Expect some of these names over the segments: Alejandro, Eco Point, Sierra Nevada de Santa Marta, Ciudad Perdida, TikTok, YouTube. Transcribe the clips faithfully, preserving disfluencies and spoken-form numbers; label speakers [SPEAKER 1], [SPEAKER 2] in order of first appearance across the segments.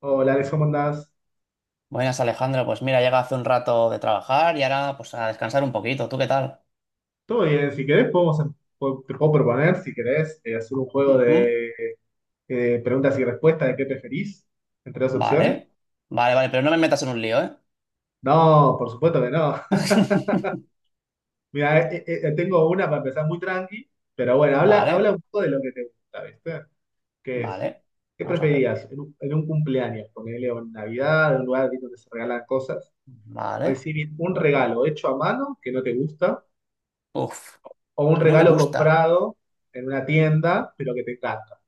[SPEAKER 1] Hola, Alex, ¿cómo andás?
[SPEAKER 2] Buenas, Alejandro. Pues mira, llega hace un rato de trabajar y ahora pues a descansar un poquito. ¿Tú qué tal?
[SPEAKER 1] Todo bien, si querés podemos, em- po- te puedo proponer, si querés, eh, hacer un juego
[SPEAKER 2] Ujú.
[SPEAKER 1] de eh, preguntas y respuestas de qué preferís entre dos
[SPEAKER 2] Vale.
[SPEAKER 1] opciones.
[SPEAKER 2] Vale, vale, pero no me metas en un lío, ¿eh?
[SPEAKER 1] No, por supuesto que no. Mira, eh, eh, eh, tengo una para empezar muy tranqui, pero bueno, habla, habla
[SPEAKER 2] Vale,
[SPEAKER 1] un poco de lo que te gusta, ¿viste? ¿Qué es?
[SPEAKER 2] vale.
[SPEAKER 1] ¿Qué
[SPEAKER 2] Vamos a ver.
[SPEAKER 1] preferirías en un, en un cumpleaños, ponerle en Navidad, en un lugar donde se regalan cosas,
[SPEAKER 2] Vale.
[SPEAKER 1] recibir un regalo hecho a mano que no te gusta
[SPEAKER 2] Uf,
[SPEAKER 1] o un
[SPEAKER 2] que no me
[SPEAKER 1] regalo
[SPEAKER 2] gusta.
[SPEAKER 1] comprado en una tienda pero que te encanta?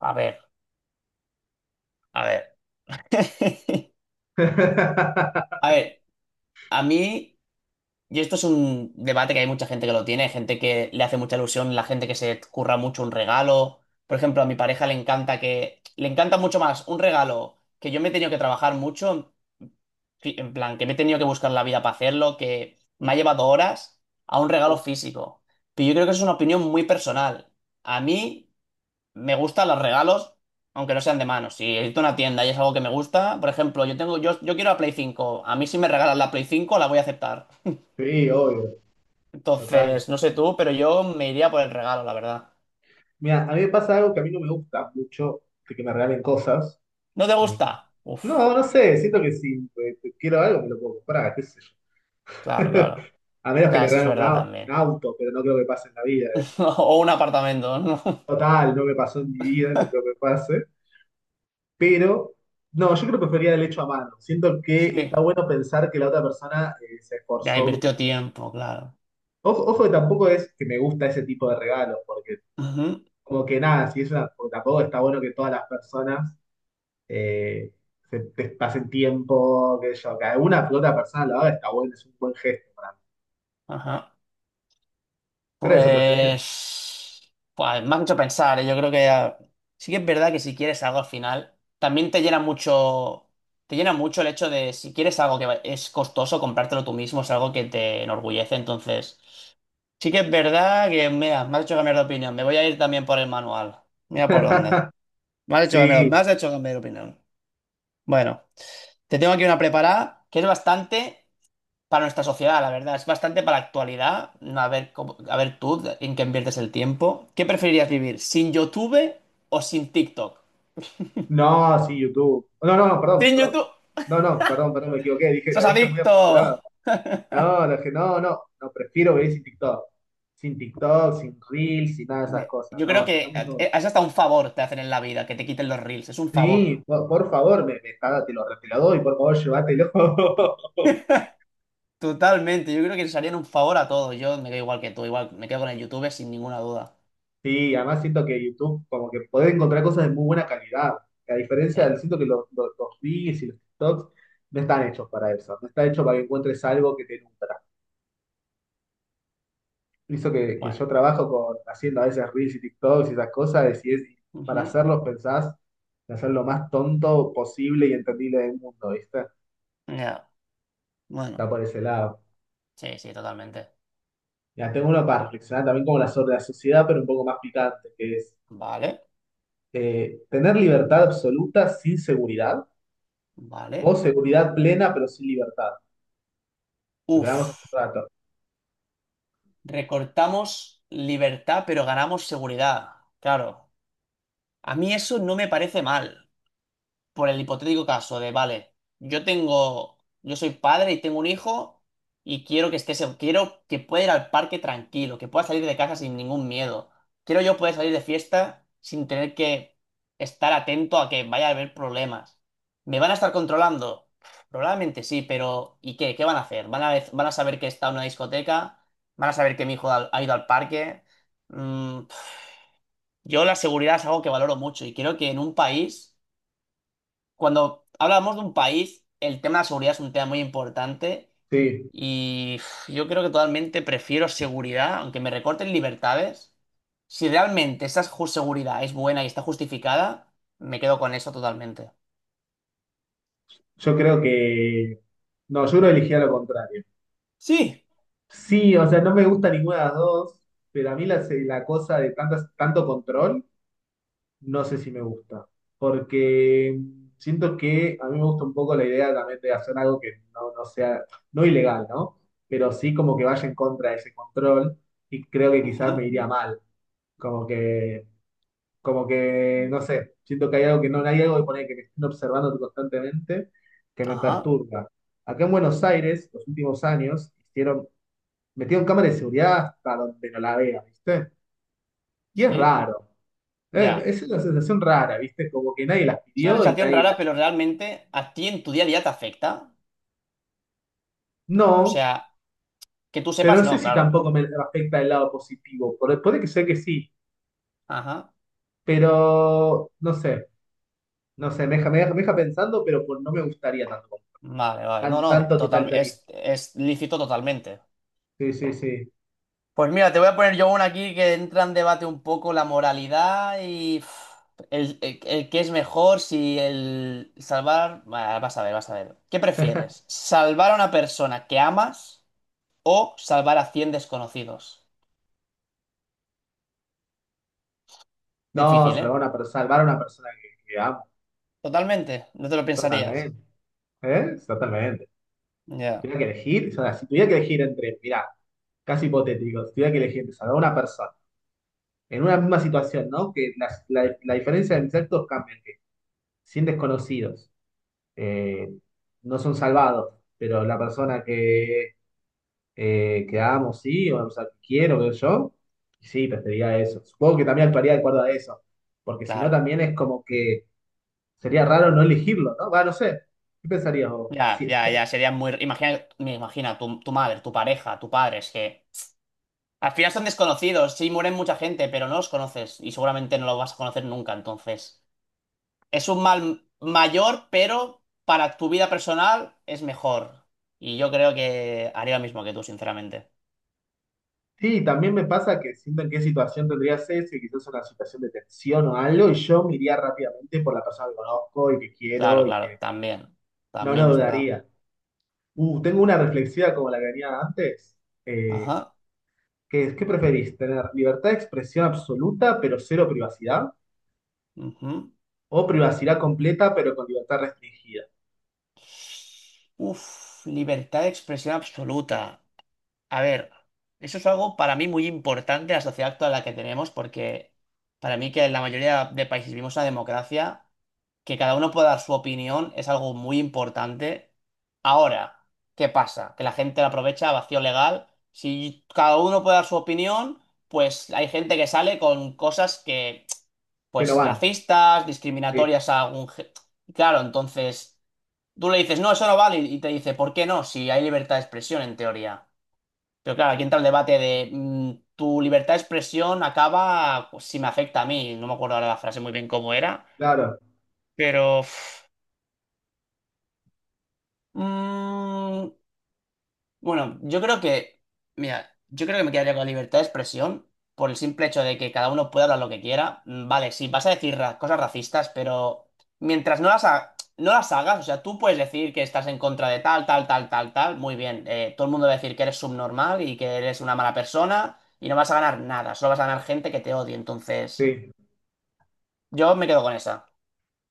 [SPEAKER 2] A ver, a ver. A ver, a mí, y esto es un debate que hay mucha gente que lo tiene, gente que le hace mucha ilusión, la gente que se curra mucho un regalo. Por ejemplo, a mi pareja le encanta que, le encanta mucho más un regalo que yo me he tenido que trabajar mucho. Fi- en plan, que me he tenido que buscar la vida para hacerlo, que me ha llevado horas a un regalo físico. Pero yo creo que eso es una opinión muy personal. A mí me gustan los regalos, aunque no sean de mano. Si he ido a una tienda y es algo que me gusta, por ejemplo, yo tengo, yo, yo quiero la Play cinco. A mí, si me regalan la Play cinco, la voy a aceptar.
[SPEAKER 1] Sí, obvio, total.
[SPEAKER 2] Entonces, no sé tú, pero yo me iría por el regalo, la verdad.
[SPEAKER 1] Mira, a mí me pasa algo que a mí no me gusta mucho, de que me regalen cosas.
[SPEAKER 2] ¿No te
[SPEAKER 1] Me-
[SPEAKER 2] gusta? Uf,
[SPEAKER 1] No, no sé, siento que si eh, quiero algo me lo puedo comprar, qué sé yo.
[SPEAKER 2] claro, claro.
[SPEAKER 1] A menos que
[SPEAKER 2] Claro,
[SPEAKER 1] me
[SPEAKER 2] eso es
[SPEAKER 1] regalen un,
[SPEAKER 2] verdad
[SPEAKER 1] au- un
[SPEAKER 2] también.
[SPEAKER 1] auto, pero no creo que pase en la vida eso.
[SPEAKER 2] O un apartamento, ¿no?
[SPEAKER 1] Total, no me pasó en mi vida, no creo que pase. Pero, no, yo creo que prefería el hecho a mano. Siento que está
[SPEAKER 2] Sí.
[SPEAKER 1] bueno pensar que la otra persona eh, se
[SPEAKER 2] Ya
[SPEAKER 1] esforzó.
[SPEAKER 2] invirtió tiempo, claro.
[SPEAKER 1] Ojo, ojo que tampoco es que me gusta ese tipo de regalos, porque
[SPEAKER 2] Ujú.
[SPEAKER 1] como que nada, si es una, porque tampoco está bueno que todas las personas eh, se, te pasen tiempo, que yo, que una que otra persona lo haga, está bueno, es un buen gesto para mí.
[SPEAKER 2] Ajá.
[SPEAKER 1] Pero eso preferiría.
[SPEAKER 2] Pues, pues me ha hecho pensar, ¿eh? Yo creo que ah, sí que es verdad que, si quieres algo al final, también te llena mucho, te llena mucho el hecho de, si quieres algo que va- es costoso, comprártelo tú mismo, es algo que te enorgullece. Entonces, sí que es verdad que mira, me has hecho cambiar de opinión. Me voy a ir también por el manual. Mira por dónde. Me has hecho cambiar, me
[SPEAKER 1] Sí,
[SPEAKER 2] has hecho cambiar de opinión. Bueno, te tengo aquí una preparada que es bastante para nuestra sociedad, la verdad. Es bastante para la actualidad. No, a ver, cómo- a ver tú en qué inviertes el tiempo. ¿Qué preferirías vivir? ¿Sin YouTube o sin TikTok?
[SPEAKER 1] no, sí, YouTube. No, no, no, perdón,
[SPEAKER 2] ¡Sin
[SPEAKER 1] perdón.
[SPEAKER 2] YouTube!
[SPEAKER 1] No, no, perdón, perdón, me equivoqué, dije,
[SPEAKER 2] ¡Sos
[SPEAKER 1] lo dije muy
[SPEAKER 2] adicto!
[SPEAKER 1] apresurado. No, lo dije, no, no, no, prefiero vivir sin TikTok. Sin TikTok, sin Reels, sin nada de esas
[SPEAKER 2] Me-
[SPEAKER 1] cosas.
[SPEAKER 2] Yo creo
[SPEAKER 1] No,
[SPEAKER 2] que
[SPEAKER 1] sacame todo.
[SPEAKER 2] eh, es hasta un favor te hacen en la vida, que te quiten los reels. Es un favor.
[SPEAKER 1] Sí, por, por favor, me, me está- te lo, te lo doy, por favor, llévatelo.
[SPEAKER 2] Totalmente. Yo creo que les harían un favor a todos. Yo me quedo igual que tú. Igual me quedo con el YouTube sin ninguna duda.
[SPEAKER 1] Sí, además siento que YouTube como que podés encontrar cosas de muy buena calidad. A diferencia
[SPEAKER 2] Sí.
[SPEAKER 1] del siento que los, los, los reels y los TikToks no están hechos para eso. No está hecho para que encuentres algo que te nutra. Hizo que, que
[SPEAKER 2] Bueno.
[SPEAKER 1] yo trabajo con, haciendo a veces reels y TikToks y esas cosas, y si es para
[SPEAKER 2] Ujú.
[SPEAKER 1] hacerlos pensás en hacer lo más tonto posible y entendible del mundo, ¿viste?
[SPEAKER 2] Ya. Bueno.
[SPEAKER 1] Está por ese lado.
[SPEAKER 2] Sí, sí, totalmente.
[SPEAKER 1] Ya tengo uno para reflexionar también como la sobre la sociedad, pero un poco más picante, que es
[SPEAKER 2] Vale.
[SPEAKER 1] eh, tener libertad absoluta sin seguridad o
[SPEAKER 2] Vale.
[SPEAKER 1] seguridad plena, pero sin libertad. Lo que hablamos hace
[SPEAKER 2] Uf.
[SPEAKER 1] un rato.
[SPEAKER 2] Recortamos libertad, pero ganamos seguridad. Claro, a mí eso no me parece mal por el hipotético caso de, vale, yo tengo, yo soy padre y tengo un hijo y quiero que esté, seg- quiero que pueda ir al parque tranquilo, que pueda salir de casa sin ningún miedo. Quiero yo poder salir de fiesta sin tener que estar atento a que vaya a haber problemas. ¿Me van a estar controlando? Probablemente sí, pero ¿y qué? ¿Qué van a hacer? ¿Van a, van a saber que está en una discoteca? ¿Van a saber que mi hijo ha, ha ido al parque? Mm, yo la seguridad es algo que valoro mucho y creo que en un país, cuando hablamos de un país, el tema de la seguridad es un tema muy importante
[SPEAKER 1] Sí,
[SPEAKER 2] y uf, yo creo que totalmente prefiero seguridad, aunque me recorten libertades. Si realmente esa ju- seguridad es buena y está justificada, me quedo con eso totalmente.
[SPEAKER 1] yo creo que. No, yo creo que elegía lo contrario.
[SPEAKER 2] Sí.
[SPEAKER 1] Sí, o sea, no me gusta ninguna de las dos, pero a mí la, se- la cosa de tantas, tanto control, no sé si me gusta. Porque siento que a mí me gusta un poco la idea también de hacer algo que no, no sea, no ilegal, ¿no? Pero sí como que vaya en contra de ese control y creo que quizás
[SPEAKER 2] Ujú.
[SPEAKER 1] me iría mal. Como que Como que, no sé, siento que hay algo que no hay algo de poner que me estén observando constantemente que me
[SPEAKER 2] Ajá.
[SPEAKER 1] perturba. Acá en Buenos Aires, los últimos años, hicieron, metieron cámaras de seguridad hasta donde no la vea, ¿viste? Y es
[SPEAKER 2] Sí.
[SPEAKER 1] raro. Eh,
[SPEAKER 2] Ya.
[SPEAKER 1] Es una sensación rara, ¿viste? Como que nadie las
[SPEAKER 2] Es una
[SPEAKER 1] pidió y
[SPEAKER 2] sensación
[SPEAKER 1] nadie
[SPEAKER 2] rara,
[SPEAKER 1] las.
[SPEAKER 2] pero realmente a ti en tu día a día te afecta. O
[SPEAKER 1] No,
[SPEAKER 2] sea, que tú
[SPEAKER 1] pero
[SPEAKER 2] sepas,
[SPEAKER 1] no sé
[SPEAKER 2] no,
[SPEAKER 1] si
[SPEAKER 2] claro.
[SPEAKER 1] tampoco me afecta el lado positivo. Por- Puede que sea que sí,
[SPEAKER 2] Ajá.
[SPEAKER 1] pero no sé, no sé, me deja, me deja, me deja pensando, pero pues, no me gustaría tanto,
[SPEAKER 2] Vale, vale. No,
[SPEAKER 1] tan-
[SPEAKER 2] no,
[SPEAKER 1] tanto
[SPEAKER 2] total,
[SPEAKER 1] totalitarismo.
[SPEAKER 2] es, es, lícito totalmente.
[SPEAKER 1] Sí, sí, sí.
[SPEAKER 2] Pues mira, te voy a poner yo una aquí que entra en debate un poco la moralidad y uf, el, el, el qué es mejor si el salvar. Bah, vas a ver, vas a ver. ¿Qué prefieres? ¿Salvar a una persona que amas o salvar a cien desconocidos?
[SPEAKER 1] No,
[SPEAKER 2] Difícil,
[SPEAKER 1] salvar a
[SPEAKER 2] ¿eh?
[SPEAKER 1] una persona, salvar a una persona que, que amo,
[SPEAKER 2] Totalmente. No te lo pensarías.
[SPEAKER 1] totalmente. ¿Eh? Totalmente. Si
[SPEAKER 2] Ya,
[SPEAKER 1] tuviera que elegir, o sea, si tuviera que elegir entre, mirá, casi hipotético, si tuviera que elegir entre salvar a una persona en una misma situación, ¿no? Que las- la, la diferencia de mis actos cambia, que cien desconocidos eh, no son salvados, pero la persona que, eh, que amo, sí, o, sea, que quiero, veo yo, sí, preferiría eso. Supongo que también actuaría de acuerdo a eso, porque si no
[SPEAKER 2] claro.
[SPEAKER 1] también es como que sería raro no elegirlo, ¿no? Va, no sé. ¿Qué pensarías vos?
[SPEAKER 2] Ya,
[SPEAKER 1] Sí,
[SPEAKER 2] ya, ya. Sería muy. Imagina, me imagina tu, tu madre, tu pareja, tu padre. Es que al final son desconocidos. Sí, mueren mucha gente, pero no los conoces y seguramente no los vas a conocer nunca, entonces. Es un mal mayor, pero para tu vida personal es mejor. Y yo creo que haría lo mismo que tú, sinceramente.
[SPEAKER 1] sí, también me pasa que siento en qué situación tendrías ese, quizás una situación de tensión o algo, y yo me iría rápidamente por la persona que conozco y que
[SPEAKER 2] Claro,
[SPEAKER 1] quiero y
[SPEAKER 2] claro,
[SPEAKER 1] que
[SPEAKER 2] también.
[SPEAKER 1] no
[SPEAKER 2] También
[SPEAKER 1] no
[SPEAKER 2] es verdad.
[SPEAKER 1] dudaría. Uh, tengo una reflexiva como la que tenía antes, eh,
[SPEAKER 2] Ajá.
[SPEAKER 1] que es, ¿qué preferís? ¿Tener libertad de expresión absoluta pero cero privacidad?
[SPEAKER 2] Ujú.
[SPEAKER 1] ¿O privacidad completa pero con libertad restringida?
[SPEAKER 2] Uf, libertad de expresión absoluta. A ver, eso es algo para mí muy importante a la sociedad actual en la que tenemos, porque para mí que, en la mayoría de países, vivimos una democracia que cada uno pueda dar su opinión es algo muy importante. Ahora, ¿qué pasa? Que la gente la aprovecha a vacío legal. Si cada uno puede dar su opinión, pues hay gente que sale con cosas que,
[SPEAKER 1] Que no
[SPEAKER 2] pues,
[SPEAKER 1] van.
[SPEAKER 2] racistas,
[SPEAKER 1] Sí,
[SPEAKER 2] discriminatorias a algún. ge- Claro, entonces tú le dices, no, eso no vale, y te dice, ¿por qué no? Si hay libertad de expresión en teoría. Pero claro, aquí entra el debate de mm, tu libertad de expresión acaba pues, si me afecta a mí. No me acuerdo ahora la frase muy bien cómo era,
[SPEAKER 1] claro,
[SPEAKER 2] pero. uf, Mm, bueno, yo creo que, mira, yo creo que me quedaría con la libertad de expresión por el simple hecho de que cada uno puede hablar lo que quiera. Mm, Vale, sí, vas a decir ra- cosas racistas, pero mientras no las, ha- no las hagas, o sea, tú puedes decir que estás en contra de tal, tal, tal, tal, tal, muy bien. eh, todo el mundo va a decir que eres subnormal y que eres una mala persona y no vas a ganar nada, solo vas a ganar gente que te odie. Entonces,
[SPEAKER 1] sí.
[SPEAKER 2] yo me quedo con esa.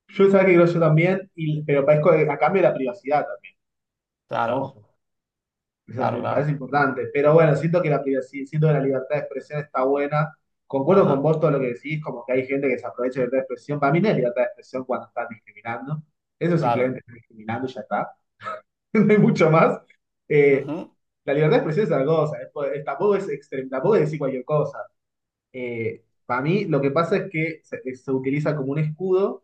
[SPEAKER 1] Yo sabía que creo yo también, y, pero parezco a cambio de la privacidad.
[SPEAKER 2] Claro,
[SPEAKER 1] Ojo, eso
[SPEAKER 2] claro,
[SPEAKER 1] también parece
[SPEAKER 2] claro.
[SPEAKER 1] importante. Pero bueno, siento que la privacidad, siento que la libertad de expresión está buena. Concuerdo con
[SPEAKER 2] Ajá,
[SPEAKER 1] vos todo lo que decís, como que hay gente que se aprovecha de libertad de expresión. Para mí no es libertad de expresión cuando están discriminando. Eso
[SPEAKER 2] claro.
[SPEAKER 1] simplemente está discriminando y ya está. No hay mucho más. Eh,
[SPEAKER 2] Ujú,
[SPEAKER 1] la libertad de expresión es algo, cosa. Es po- es- tampoco es extrema, tampoco es decir cualquier cosa. Eh, para mí lo que pasa es que se, se utiliza como un escudo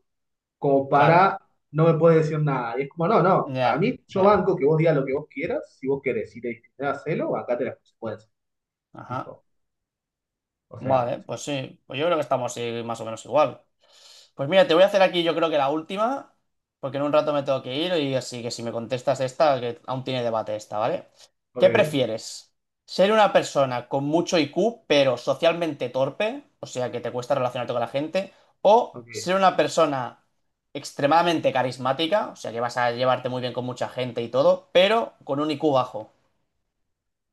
[SPEAKER 1] como
[SPEAKER 2] claro.
[SPEAKER 1] para no me puedes decir nada. Y es como, no, no, para
[SPEAKER 2] Ya,
[SPEAKER 1] mí yo
[SPEAKER 2] ya.
[SPEAKER 1] banco que vos digas lo que vos quieras, si vos querés, si te discriminás, hacelo, acate las consecuencias.
[SPEAKER 2] Ajá.
[SPEAKER 1] Tipo, o sea,
[SPEAKER 2] Vale, pues sí, pues yo creo que estamos eh, más o menos igual. Pues mira, te voy a hacer aquí yo creo que la última, porque en un rato me tengo que ir, y así que, si me contestas esta, que aún tiene debate esta, ¿vale?
[SPEAKER 1] ok,
[SPEAKER 2] ¿Qué prefieres? ¿Ser una persona con mucho I Q pero socialmente torpe, o sea que te cuesta relacionarte con la gente, o
[SPEAKER 1] ok.
[SPEAKER 2] ser una persona extremadamente carismática, o sea que vas a llevarte muy bien con mucha gente y todo, pero con un I Q bajo?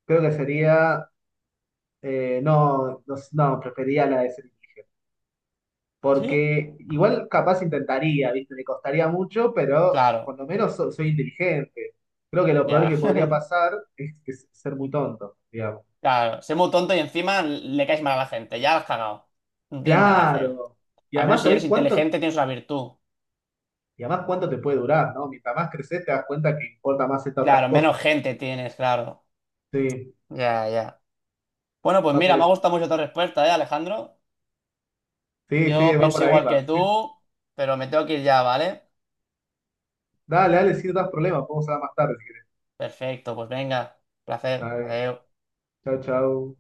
[SPEAKER 1] Creo que sería, eh, no, no, no, prefería la de ser.
[SPEAKER 2] ¿Sí?
[SPEAKER 1] Porque igual capaz intentaría, ¿viste? Me costaría mucho, pero
[SPEAKER 2] Claro,
[SPEAKER 1] por lo menos so- soy inteligente. Creo que lo peor
[SPEAKER 2] ya.
[SPEAKER 1] que podría pasar es, es ser muy tonto, digamos.
[SPEAKER 2] Claro, sé muy tonto y encima le caes mal a la gente. Ya la has cagado. No tienes nada que hacer.
[SPEAKER 1] Claro. Y
[SPEAKER 2] A menos
[SPEAKER 1] además
[SPEAKER 2] si eres
[SPEAKER 1] también cuánto
[SPEAKER 2] inteligente, tienes una virtud.
[SPEAKER 1] y además, ¿cuánto te puede durar, no? Mientras más creces, te das cuenta que importa más estas otras
[SPEAKER 2] Claro, menos
[SPEAKER 1] cosas.
[SPEAKER 2] gente tienes, claro.
[SPEAKER 1] Sí,
[SPEAKER 2] Ya, ya. Bueno, pues
[SPEAKER 1] va
[SPEAKER 2] mira,
[SPEAKER 1] por
[SPEAKER 2] me ha
[SPEAKER 1] ese lado.
[SPEAKER 2] gustado mucho tu respuesta, ¿eh, Alejandro?
[SPEAKER 1] Sí, sí,
[SPEAKER 2] Yo
[SPEAKER 1] va por
[SPEAKER 2] pienso
[SPEAKER 1] ahí,
[SPEAKER 2] igual
[SPEAKER 1] va.
[SPEAKER 2] que tú, pero me tengo que ir ya, ¿vale?
[SPEAKER 1] Dale, dale, si no das problema, podemos hablar más tarde si querés.
[SPEAKER 2] Perfecto, pues venga. Placer.
[SPEAKER 1] Dale,
[SPEAKER 2] Adiós.
[SPEAKER 1] chao, chao.